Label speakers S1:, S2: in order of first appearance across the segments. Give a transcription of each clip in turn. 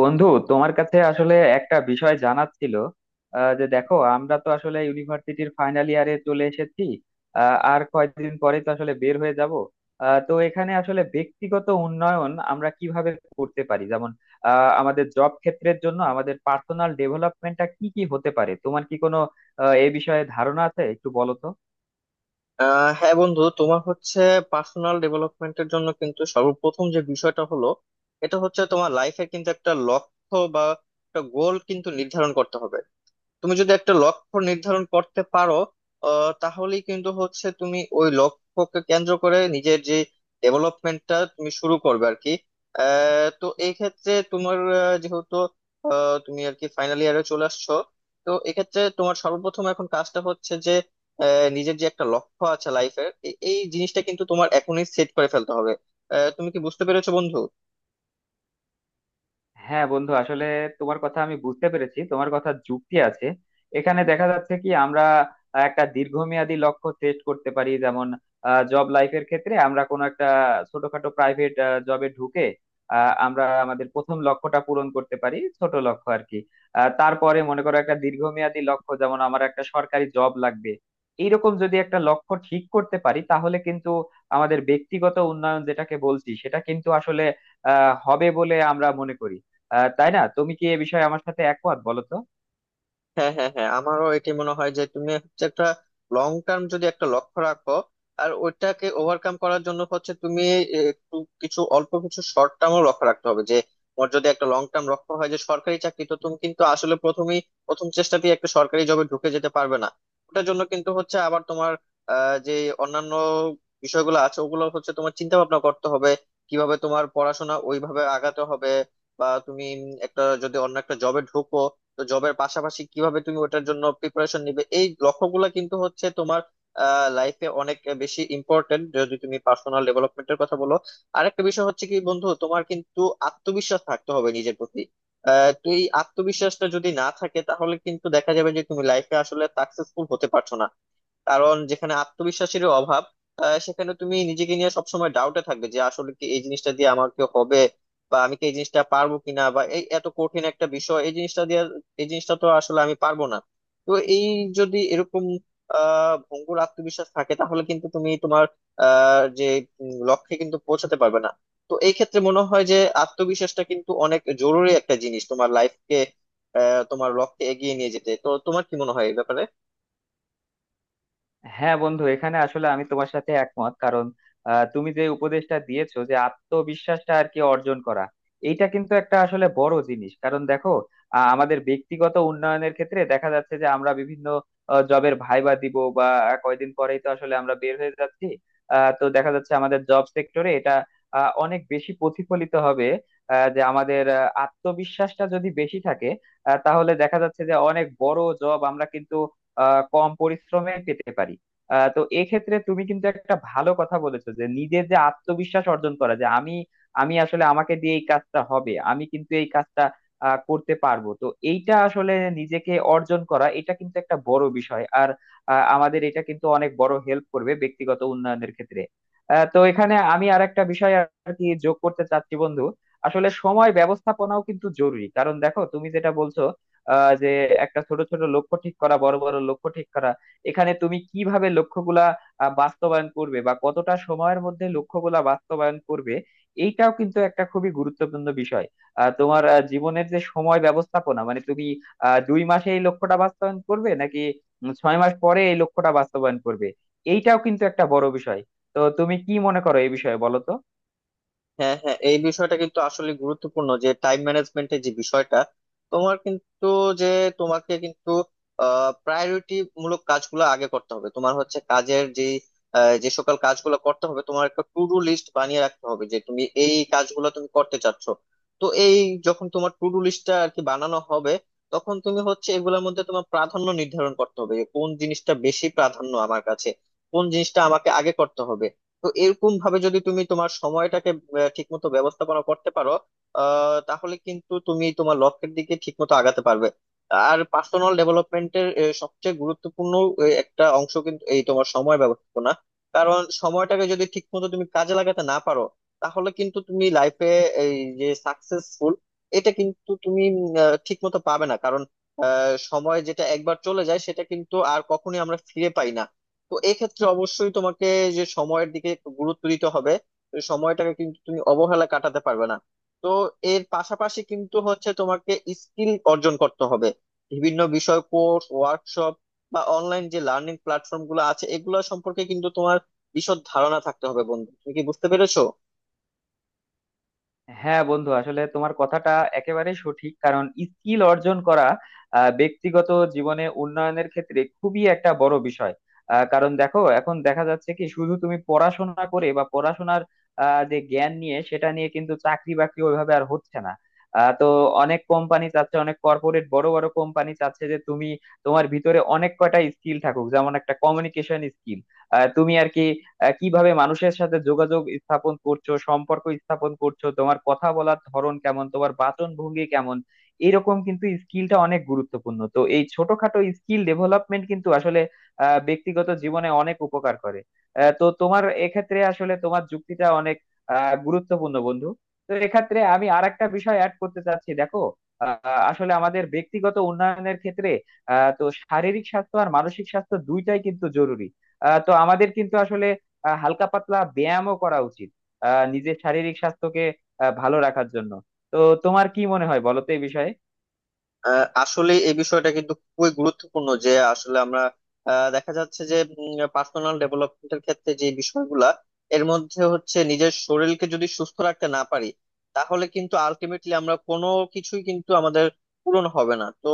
S1: বন্ধু, তোমার কাছে আসলে একটা বিষয় জানার ছিল। যে দেখো, আমরা তো আসলে ইউনিভার্সিটির ফাইনাল ইয়ারে চলে এসেছি। আর কয়েকদিন পরে তো আসলে বের হয়ে যাব। তো এখানে আসলে ব্যক্তিগত উন্নয়ন আমরা কিভাবে করতে পারি, যেমন আমাদের জব ক্ষেত্রের জন্য আমাদের পার্সোনাল ডেভেলপমেন্টটা কি কি হতে পারে, তোমার কি কোনো এ বিষয়ে ধারণা আছে, একটু বলো তো।
S2: হ্যাঁ বন্ধু, তোমার হচ্ছে পার্সোনাল ডেভেলপমেন্টের জন্য কিন্তু সর্বপ্রথম যে বিষয়টা হলো, এটা হচ্ছে তোমার লাইফের কিন্তু একটা লক্ষ্য বা একটা গোল কিন্তু নির্ধারণ করতে হবে। তুমি যদি একটা লক্ষ্য নির্ধারণ করতে পারো, তাহলেই কিন্তু হচ্ছে তুমি ওই লক্ষ্যকে কেন্দ্র করে নিজের যে ডেভেলপমেন্টটা তুমি শুরু করবে আর কি। তো এই ক্ষেত্রে তোমার যেহেতু তুমি আর কি ফাইনাল ইয়ারে চলে আসছো, তো এক্ষেত্রে তোমার সর্বপ্রথম এখন কাজটা হচ্ছে যে, আহ, নিজের যে একটা লক্ষ্য আছে লাইফের, এই জিনিসটা কিন্তু তোমার এখনই সেট করে ফেলতে হবে। তুমি কি বুঝতে পেরেছো বন্ধু?
S1: হ্যাঁ বন্ধু, আসলে তোমার কথা আমি বুঝতে পেরেছি, তোমার কথা যুক্তি আছে। এখানে দেখা যাচ্ছে কি আমরা একটা দীর্ঘমেয়াদী লক্ষ্য সেট করতে পারি, যেমন জব লাইফের ক্ষেত্রে আমরা কোনো একটা ছোটখাটো প্রাইভেট জবে ঢুকে আমরা আমাদের প্রথম লক্ষ্যটা পূরণ করতে পারি, ছোট লক্ষ্য আর কি। তারপরে মনে করো, একটা দীর্ঘমেয়াদী লক্ষ্য, যেমন আমার একটা সরকারি জব লাগবে। এইরকম যদি একটা লক্ষ্য ঠিক করতে পারি, তাহলে কিন্তু আমাদের ব্যক্তিগত উন্নয়ন যেটাকে বলছি সেটা কিন্তু আসলে হবে বলে আমরা মনে করি, তাই না? তুমি কি এ বিষয়ে আমার সাথে একমত, বলো তো।
S2: হ্যাঁ, হ্যাঁ, হ্যাঁ, আমারও এটি মনে হয় যে তুমি হচ্ছে একটা লং টার্ম যদি একটা লক্ষ্য রাখো, আর ওইটাকে ওভারকাম করার জন্য হচ্ছে তুমি একটু কিছু অল্প কিছু শর্ট টার্মও লক্ষ্য রাখতে হবে। যে তোমার যদি একটা লং টার্ম লক্ষ্য হয় যে সরকারি চাকরি, তো তুমি কিন্তু আসলে প্রথমেই প্রথম চেষ্টাতেই একটা সরকারি জবে ঢুকে যেতে পারবে না। ওটার জন্য কিন্তু হচ্ছে আবার তোমার আহ যে অন্যান্য বিষয়গুলো আছে, ওগুলো হচ্ছে তোমার চিন্তা ভাবনা করতে হবে কিভাবে তোমার পড়াশোনা ওইভাবে আগাতে হবে, বা তুমি একটা যদি অন্য একটা জবে ঢুকো, তো জবের পাশাপাশি কিভাবে তুমি ওটার জন্য প্রিপারেশন নিবে। এই লক্ষ্যগুলো কিন্তু হচ্ছে তোমার লাইফে অনেক বেশি ইম্পর্টেন্ট, যদি তুমি পার্সোনাল ডেভেলপমেন্টের কথা বলো। আরেকটা বিষয় হচ্ছে কি বন্ধু, তোমার কিন্তু আত্মবিশ্বাস থাকতে হবে নিজের প্রতি। তো এই আত্মবিশ্বাসটা যদি না থাকে, তাহলে কিন্তু দেখা যাবে যে তুমি লাইফে আসলে সাকসেসফুল হতে পারছো না। কারণ যেখানে আত্মবিশ্বাসের অভাব, সেখানে তুমি নিজেকে নিয়ে সবসময় ডাউটে থাকবে যে আসলে কি এই জিনিসটা দিয়ে আমাকে হবে, বা আমি কি এই জিনিসটা পারবো কিনা, বা এই এত কঠিন একটা বিষয় এই জিনিসটা দিয়ে এই জিনিসটা তো আসলে আমি পারবো না। তো এই যদি এরকম ভঙ্গুর আত্মবিশ্বাস থাকে, তাহলে কিন্তু তুমি তোমার আহ যে লক্ষ্যে কিন্তু পৌঁছাতে পারবে না। তো এই ক্ষেত্রে মনে হয় যে আত্মবিশ্বাসটা কিন্তু অনেক জরুরি একটা জিনিস তোমার লাইফকে তোমার লক্ষ্যে এগিয়ে নিয়ে যেতে। তো তোমার কি মনে হয় এই ব্যাপারে?
S1: হ্যাঁ বন্ধু, এখানে আসলে আমি তোমার সাথে একমত, কারণ তুমি যে উপদেশটা দিয়েছো যে আত্মবিশ্বাসটা আর কি অর্জন করা, এইটা কিন্তু একটা আসলে বড় জিনিস। কারণ দেখো, আমাদের ব্যক্তিগত উন্নয়নের ক্ষেত্রে দেখা যাচ্ছে যে আমরা বিভিন্ন জবের ভাইবা দিব, বা কয়দিন পরেই তো আসলে আমরা বের হয়ে যাচ্ছি। তো দেখা যাচ্ছে, আমাদের জব সেক্টরে এটা অনেক বেশি প্রতিফলিত হবে। যে আমাদের আত্মবিশ্বাসটা যদি বেশি থাকে, তাহলে দেখা যাচ্ছে যে অনেক বড় জব আমরা কিন্তু কম পরিশ্রমে পেতে পারি। তো এক্ষেত্রে তুমি কিন্তু একটা ভালো কথা বলেছো যে নিজের যে আত্মবিশ্বাস অর্জন করা, যে আমি আমি আসলে আমাকে দিয়ে এই কাজটা হবে, আমি কিন্তু এই কাজটা করতে পারবো তো। এইটা আসলে নিজেকে অর্জন করা, এটা কিন্তু একটা বড় বিষয়। আর আমাদের এটা কিন্তু অনেক বড় হেল্প করবে ব্যক্তিগত উন্নয়নের ক্ষেত্রে। তো এখানে আমি আর একটা বিষয় আর কি যোগ করতে চাচ্ছি বন্ধু। আসলে সময় ব্যবস্থাপনাও কিন্তু জরুরি, কারণ দেখো তুমি যেটা বলছো, আহ যে একটা ছোট ছোট লক্ষ্য ঠিক করা, বড় বড় লক্ষ্য ঠিক করা, এখানে তুমি কিভাবে লক্ষ্যগুলা বাস্তবায়ন করবে বা কতটা সময়ের মধ্যে লক্ষ্যগুলা বাস্তবায়ন করবে, এইটাও কিন্তু একটা খুবই গুরুত্বপূর্ণ বিষয়। তোমার জীবনের যে সময় ব্যবস্থাপনা, মানে তুমি 2 মাসে এই লক্ষ্যটা বাস্তবায়ন করবে, নাকি 6 মাস পরে এই লক্ষ্যটা বাস্তবায়ন করবে, এইটাও কিন্তু একটা বড় বিষয়। তো তুমি কি মনে করো এই বিষয়ে, বলো তো।
S2: হ্যাঁ, হ্যাঁ, এই বিষয়টা কিন্তু আসলে গুরুত্বপূর্ণ যে টাইম ম্যানেজমেন্টের যে বিষয়টা, তোমার কিন্তু যে তোমাকে কিন্তু প্রায়োরিটি মূলক কাজগুলো আগে করতে হবে। তোমার হচ্ছে কাজের যে যে সকল কাজগুলো করতে হবে, তোমার একটা টু ডু লিস্ট বানিয়ে রাখতে হবে যে তুমি এই কাজগুলো তুমি করতে চাচ্ছ। তো এই যখন তোমার টু ডু লিস্টটা আর কি বানানো হবে, তখন তুমি হচ্ছে এগুলোর মধ্যে তোমার প্রাধান্য নির্ধারণ করতে হবে যে কোন জিনিসটা বেশি প্রাধান্য আমার কাছে, কোন জিনিসটা আমাকে আগে করতে হবে। তো এরকম ভাবে যদি তুমি তোমার সময়টাকে ঠিকমতো ব্যবস্থাপনা করতে পারো, তাহলে কিন্তু তুমি তোমার লক্ষ্যের দিকে ঠিকমতো আগাতে পারবে। আর পার্সোনাল ডেভেলপমেন্টের সবচেয়ে গুরুত্বপূর্ণ একটা অংশ কিন্তু এই তোমার সময় ব্যবস্থাপনা। কারণ সময়টাকে যদি ঠিকমতো তুমি কাজে লাগাতে না পারো, তাহলে কিন্তু তুমি লাইফে এই যে সাকসেসফুল, এটা কিন্তু তুমি ঠিকমতো পাবে না। সময় যেটা একবার চলে যায়, সেটা কিন্তু আর কখনোই আমরা ফিরে পাই না। তো এক্ষেত্রে অবশ্যই তোমাকে যে সময়ের দিকে একটু গুরুত্ব দিতে হবে। তো সময়টাকে কিন্তু তুমি অবহেলা কাটাতে পারবে না। তো এর পাশাপাশি কিন্তু হচ্ছে তোমাকে স্কিল অর্জন করতে হবে। বিভিন্ন বিষয় কোর্স, ওয়ার্কশপ, বা অনলাইন যে লার্নিং প্ল্যাটফর্ম গুলো আছে, এগুলো সম্পর্কে কিন্তু তোমার বিশদ ধারণা থাকতে হবে বন্ধু। তুমি কি বুঝতে পেরেছো?
S1: হ্যাঁ বন্ধু, আসলে তোমার কথাটা একেবারে সঠিক, কারণ স্কিল অর্জন করা ব্যক্তিগত জীবনে উন্নয়নের ক্ষেত্রে খুবই একটা বড় বিষয়। কারণ দেখো, এখন দেখা যাচ্ছে কি শুধু তুমি পড়াশোনা করে বা পড়াশোনার যে জ্ঞান নিয়ে সেটা নিয়ে কিন্তু চাকরি বাকরি ওইভাবে আর হচ্ছে না। তো অনেক কোম্পানি চাচ্ছে, অনেক কর্পোরেট বড় বড় কোম্পানি চাচ্ছে যে তুমি তোমার ভিতরে অনেক কয়টা স্কিল থাকুক, যেমন একটা কমিউনিকেশন স্কিল। তুমি আর কি কিভাবে মানুষের সাথে যোগাযোগ স্থাপন করছো, সম্পর্ক স্থাপন করছো, তোমার কথা বলার ধরন কেমন, তোমার বাচন ভঙ্গি কেমন, এরকম কিন্তু স্কিলটা অনেক গুরুত্বপূর্ণ। তো এই ছোটখাটো স্কিল ডেভেলপমেন্ট কিন্তু আসলে ব্যক্তিগত জীবনে অনেক উপকার করে। তো তোমার এক্ষেত্রে আসলে তোমার যুক্তিটা অনেক গুরুত্বপূর্ণ বন্ধু। তো এক্ষেত্রে আমি আরেকটা বিষয় অ্যাড করতে চাচ্ছি, দেখো আহ, আসলে আমাদের ব্যক্তিগত উন্নয়নের ক্ষেত্রে তো শারীরিক স্বাস্থ্য আর মানসিক স্বাস্থ্য দুইটাই কিন্তু জরুরি। তো আমাদের কিন্তু আসলে হালকা পাতলা ব্যায়ামও করা উচিত, নিজের শারীরিক স্বাস্থ্যকে ভালো রাখার জন্য। তো তোমার কি মনে হয় বলো তো এই বিষয়ে।
S2: আসলে এই বিষয়টা কিন্তু খুবই গুরুত্বপূর্ণ যে আসলে আমরা দেখা যাচ্ছে যে পার্সোনাল ডেভেলপমেন্টের ক্ষেত্রে যে বিষয়গুলা, এর মধ্যে হচ্ছে নিজের শরীরকে যদি সুস্থ রাখতে না পারি, তাহলে কিন্তু আলটিমেটলি আমরা কোনো কিছুই কিন্তু আমাদের পূরণ হবে না। তো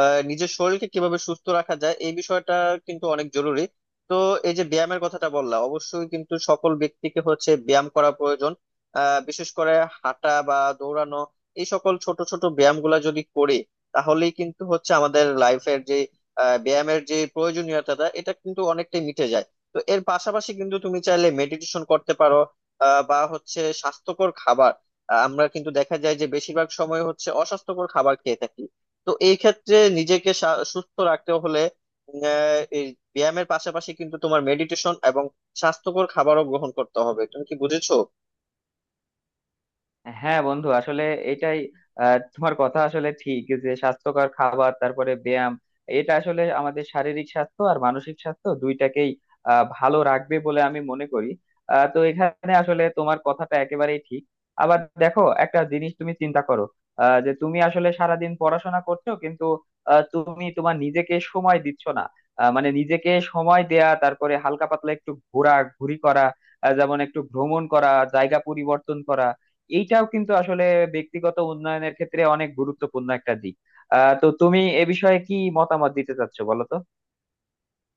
S2: নিজের শরীরকে কিভাবে সুস্থ রাখা যায়, এই বিষয়টা কিন্তু অনেক জরুরি। তো এই যে ব্যায়ামের কথাটা বললাম, অবশ্যই কিন্তু সকল ব্যক্তিকে হচ্ছে ব্যায়াম করা প্রয়োজন। বিশেষ করে হাঁটা বা দৌড়ানো, এই সকল ছোট ছোট ব্যায়াম গুলা যদি করি, তাহলেই কিন্তু হচ্ছে আমাদের লাইফের যে ব্যায়ামের যে প্রয়োজনীয়তাটা, এটা কিন্তু অনেকটাই মিটে যায়। তো এর পাশাপাশি কিন্তু তুমি চাইলে মেডিটেশন করতে পারো, বা হচ্ছে স্বাস্থ্যকর খাবার। আমরা কিন্তু দেখা যায় যে বেশিরভাগ সময় হচ্ছে অস্বাস্থ্যকর খাবার খেয়ে থাকি। তো এই ক্ষেত্রে নিজেকে সুস্থ রাখতে হলে এই ব্যায়ামের পাশাপাশি কিন্তু তোমার মেডিটেশন এবং স্বাস্থ্যকর খাবারও গ্রহণ করতে হবে। তুমি কি বুঝেছো?
S1: হ্যাঁ বন্ধু, আসলে এটাই। তোমার কথা আসলে ঠিক যে স্বাস্থ্যকর খাবার, তারপরে ব্যায়াম, এটা আসলে আমাদের শারীরিক স্বাস্থ্য আর মানসিক স্বাস্থ্য দুইটাকেই ভালো রাখবে বলে আমি মনে করি। তো এখানে আসলে তোমার কথাটা একেবারেই ঠিক। আবার দেখো একটা জিনিস তুমি চিন্তা করো, যে তুমি আসলে সারাদিন পড়াশোনা করছো, কিন্তু তুমি তোমার নিজেকে সময় দিচ্ছ না। মানে নিজেকে সময় দেয়া, তারপরে হালকা পাতলা একটু ঘোরা ঘুরি করা, যেমন একটু ভ্রমণ করা, জায়গা পরিবর্তন করা, এইটাও কিন্তু আসলে ব্যক্তিগত উন্নয়নের ক্ষেত্রে অনেক গুরুত্বপূর্ণ একটা দিক। তো তুমি এ বিষয়ে কি মতামত দিতে চাচ্ছো, বলো তো।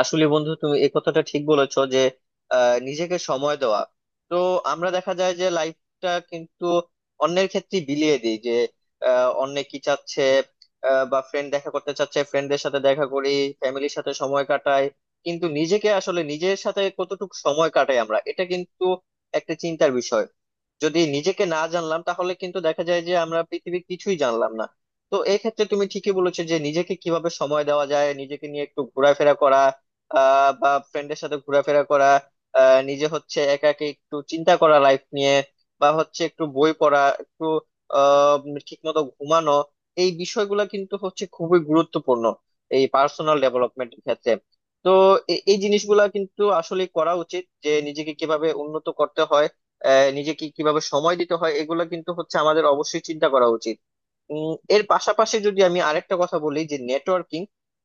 S2: আসলে বন্ধু তুমি এই কথাটা ঠিক বলেছো যে নিজেকে সময় দেওয়া। তো আমরা দেখা যায় যে লাইফটা কিন্তু অন্যের ক্ষেত্রে বিলিয়ে দিই, যে অন্যে কি চাচ্ছে, বা ফ্রেন্ড দেখা করতে চাচ্ছে ফ্রেন্ডদের সাথে দেখা করি, ফ্যামিলির সাথে সময় কাটাই, কিন্তু নিজেকে আসলে নিজের সাথে কতটুকু সময় কাটাই আমরা, এটা কিন্তু একটা চিন্তার বিষয়। যদি নিজেকে না জানলাম, তাহলে কিন্তু দেখা যায় যে আমরা পৃথিবীর কিছুই জানলাম না। তো এই ক্ষেত্রে তুমি ঠিকই বলেছো যে নিজেকে কিভাবে সময় দেওয়া যায়, নিজেকে নিয়ে একটু ঘোরাফেরা করা, বা ফ্রেন্ডের সাথে ঘোরাফেরা করা, নিজে হচ্ছে একা একা একটু চিন্তা করা লাইফ নিয়ে, বা হচ্ছে একটু বই পড়া, একটু আহ ঠিক মতো ঘুমানো। এই বিষয়গুলো কিন্তু হচ্ছে খুবই গুরুত্বপূর্ণ এই পার্সোনাল ডেভেলপমেন্টের ক্ষেত্রে। তো এই জিনিসগুলা কিন্তু আসলে করা উচিত যে নিজেকে কিভাবে উন্নত করতে হয়, নিজেকে কিভাবে সময় দিতে হয়, এগুলো কিন্তু হচ্ছে আমাদের অবশ্যই চিন্তা করা উচিত। এর পাশাপাশি যদি আমি আরেকটা কথা বলি, যে নেটওয়ার্কিং।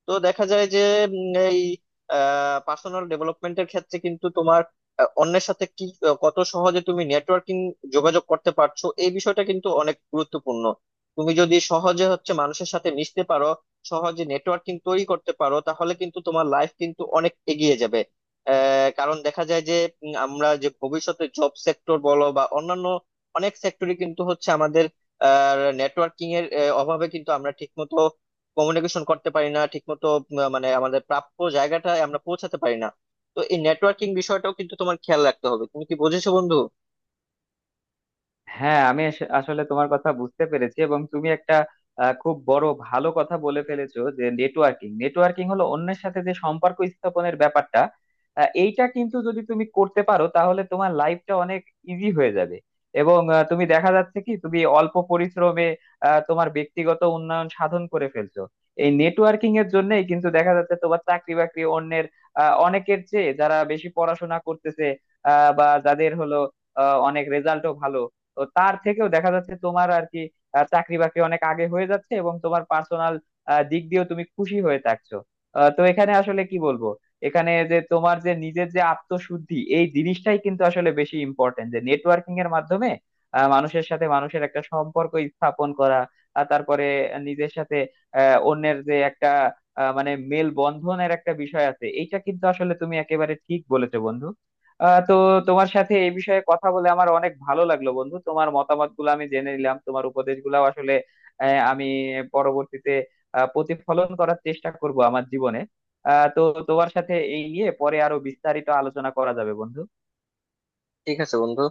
S2: তো দেখা যায় যে এই পার্সোনাল ডেভেলপমেন্টের ক্ষেত্রে কিন্তু তোমার অন্যের সাথে কি কত সহজে তুমি নেটওয়ার্কিং যোগাযোগ করতে পারছো, এই বিষয়টা কিন্তু অনেক গুরুত্বপূর্ণ। তুমি যদি সহজে হচ্ছে মানুষের সাথে মিশতে পারো, সহজে নেটওয়ার্কিং তৈরি করতে পারো, তাহলে কিন্তু তোমার লাইফ কিন্তু অনেক এগিয়ে যাবে। কারণ দেখা যায় যে আমরা যে ভবিষ্যতে জব সেক্টর বলো বা অন্যান্য অনেক সেক্টরে কিন্তু হচ্ছে আমাদের নেটওয়ার্কিং এর অভাবে কিন্তু আমরা ঠিকমতো কমিউনিকেশন করতে পারি না, ঠিকমতো মানে আমাদের প্রাপ্য জায়গাটা আমরা পৌঁছাতে পারি না। তো এই নেটওয়ার্কিং বিষয়টাও কিন্তু তোমার খেয়াল রাখতে হবে। তুমি কি বুঝেছো বন্ধু?
S1: হ্যাঁ, আসলে তোমার কথা বুঝতে পেরেছি, এবং তুমি একটা খুব বড় ভালো কথা বলে ফেলেছো যে নেটওয়ার্কিং, নেটওয়ার্কিং হলো অন্যের সাথে যে সম্পর্ক স্থাপনের ব্যাপারটা। এইটা কিন্তু যদি তুমি করতে পারো, তাহলে তোমার লাইফটা অনেক ইজি হয়ে যাবে। এবং তুমি দেখা যাচ্ছে কি তুমি অল্প পরিশ্রমে তোমার ব্যক্তিগত উন্নয়ন সাধন করে ফেলছো। এই নেটওয়ার্কিং এর জন্যই কিন্তু দেখা যাচ্ছে তোমার চাকরি বাকরি অন্যের অনেকের চেয়ে, যারা বেশি পড়াশোনা করতেছে বা যাদের হলো অনেক রেজাল্টও ভালো, তো তার থেকেও দেখা যাচ্ছে তোমার আর কি চাকরি বাকরি অনেক আগে হয়ে যাচ্ছে, এবং তোমার পার্সোনাল দিক দিয়েও তুমি খুশি হয়ে থাকছো। তো এখানে আসলে কি বলবো, এখানে যে তোমার যে নিজের যে আত্মশুদ্ধি, এই জিনিসটাই কিন্তু আসলে বেশি ইম্পর্টেন্ট। যে নেটওয়ার্কিং এর মাধ্যমে মানুষের সাথে মানুষের একটা সম্পর্ক স্থাপন করা, আর তারপরে নিজের সাথে অন্যের যে একটা মানে মেল বন্ধনের একটা বিষয় আছে, এইটা কিন্তু আসলে তুমি একেবারে ঠিক বলেছো বন্ধু। তো তোমার সাথে এই বিষয়ে কথা বলে আমার অনেক ভালো লাগলো বন্ধু। তোমার মতামত গুলো আমি জেনে নিলাম, তোমার উপদেশ গুলাও আসলে আমি পরবর্তীতে প্রতিফলন করার চেষ্টা করব আমার জীবনে। তো তোমার সাথে এই নিয়ে পরে আরো বিস্তারিত আলোচনা করা যাবে বন্ধু।
S2: ঠিক আছে বন্ধু।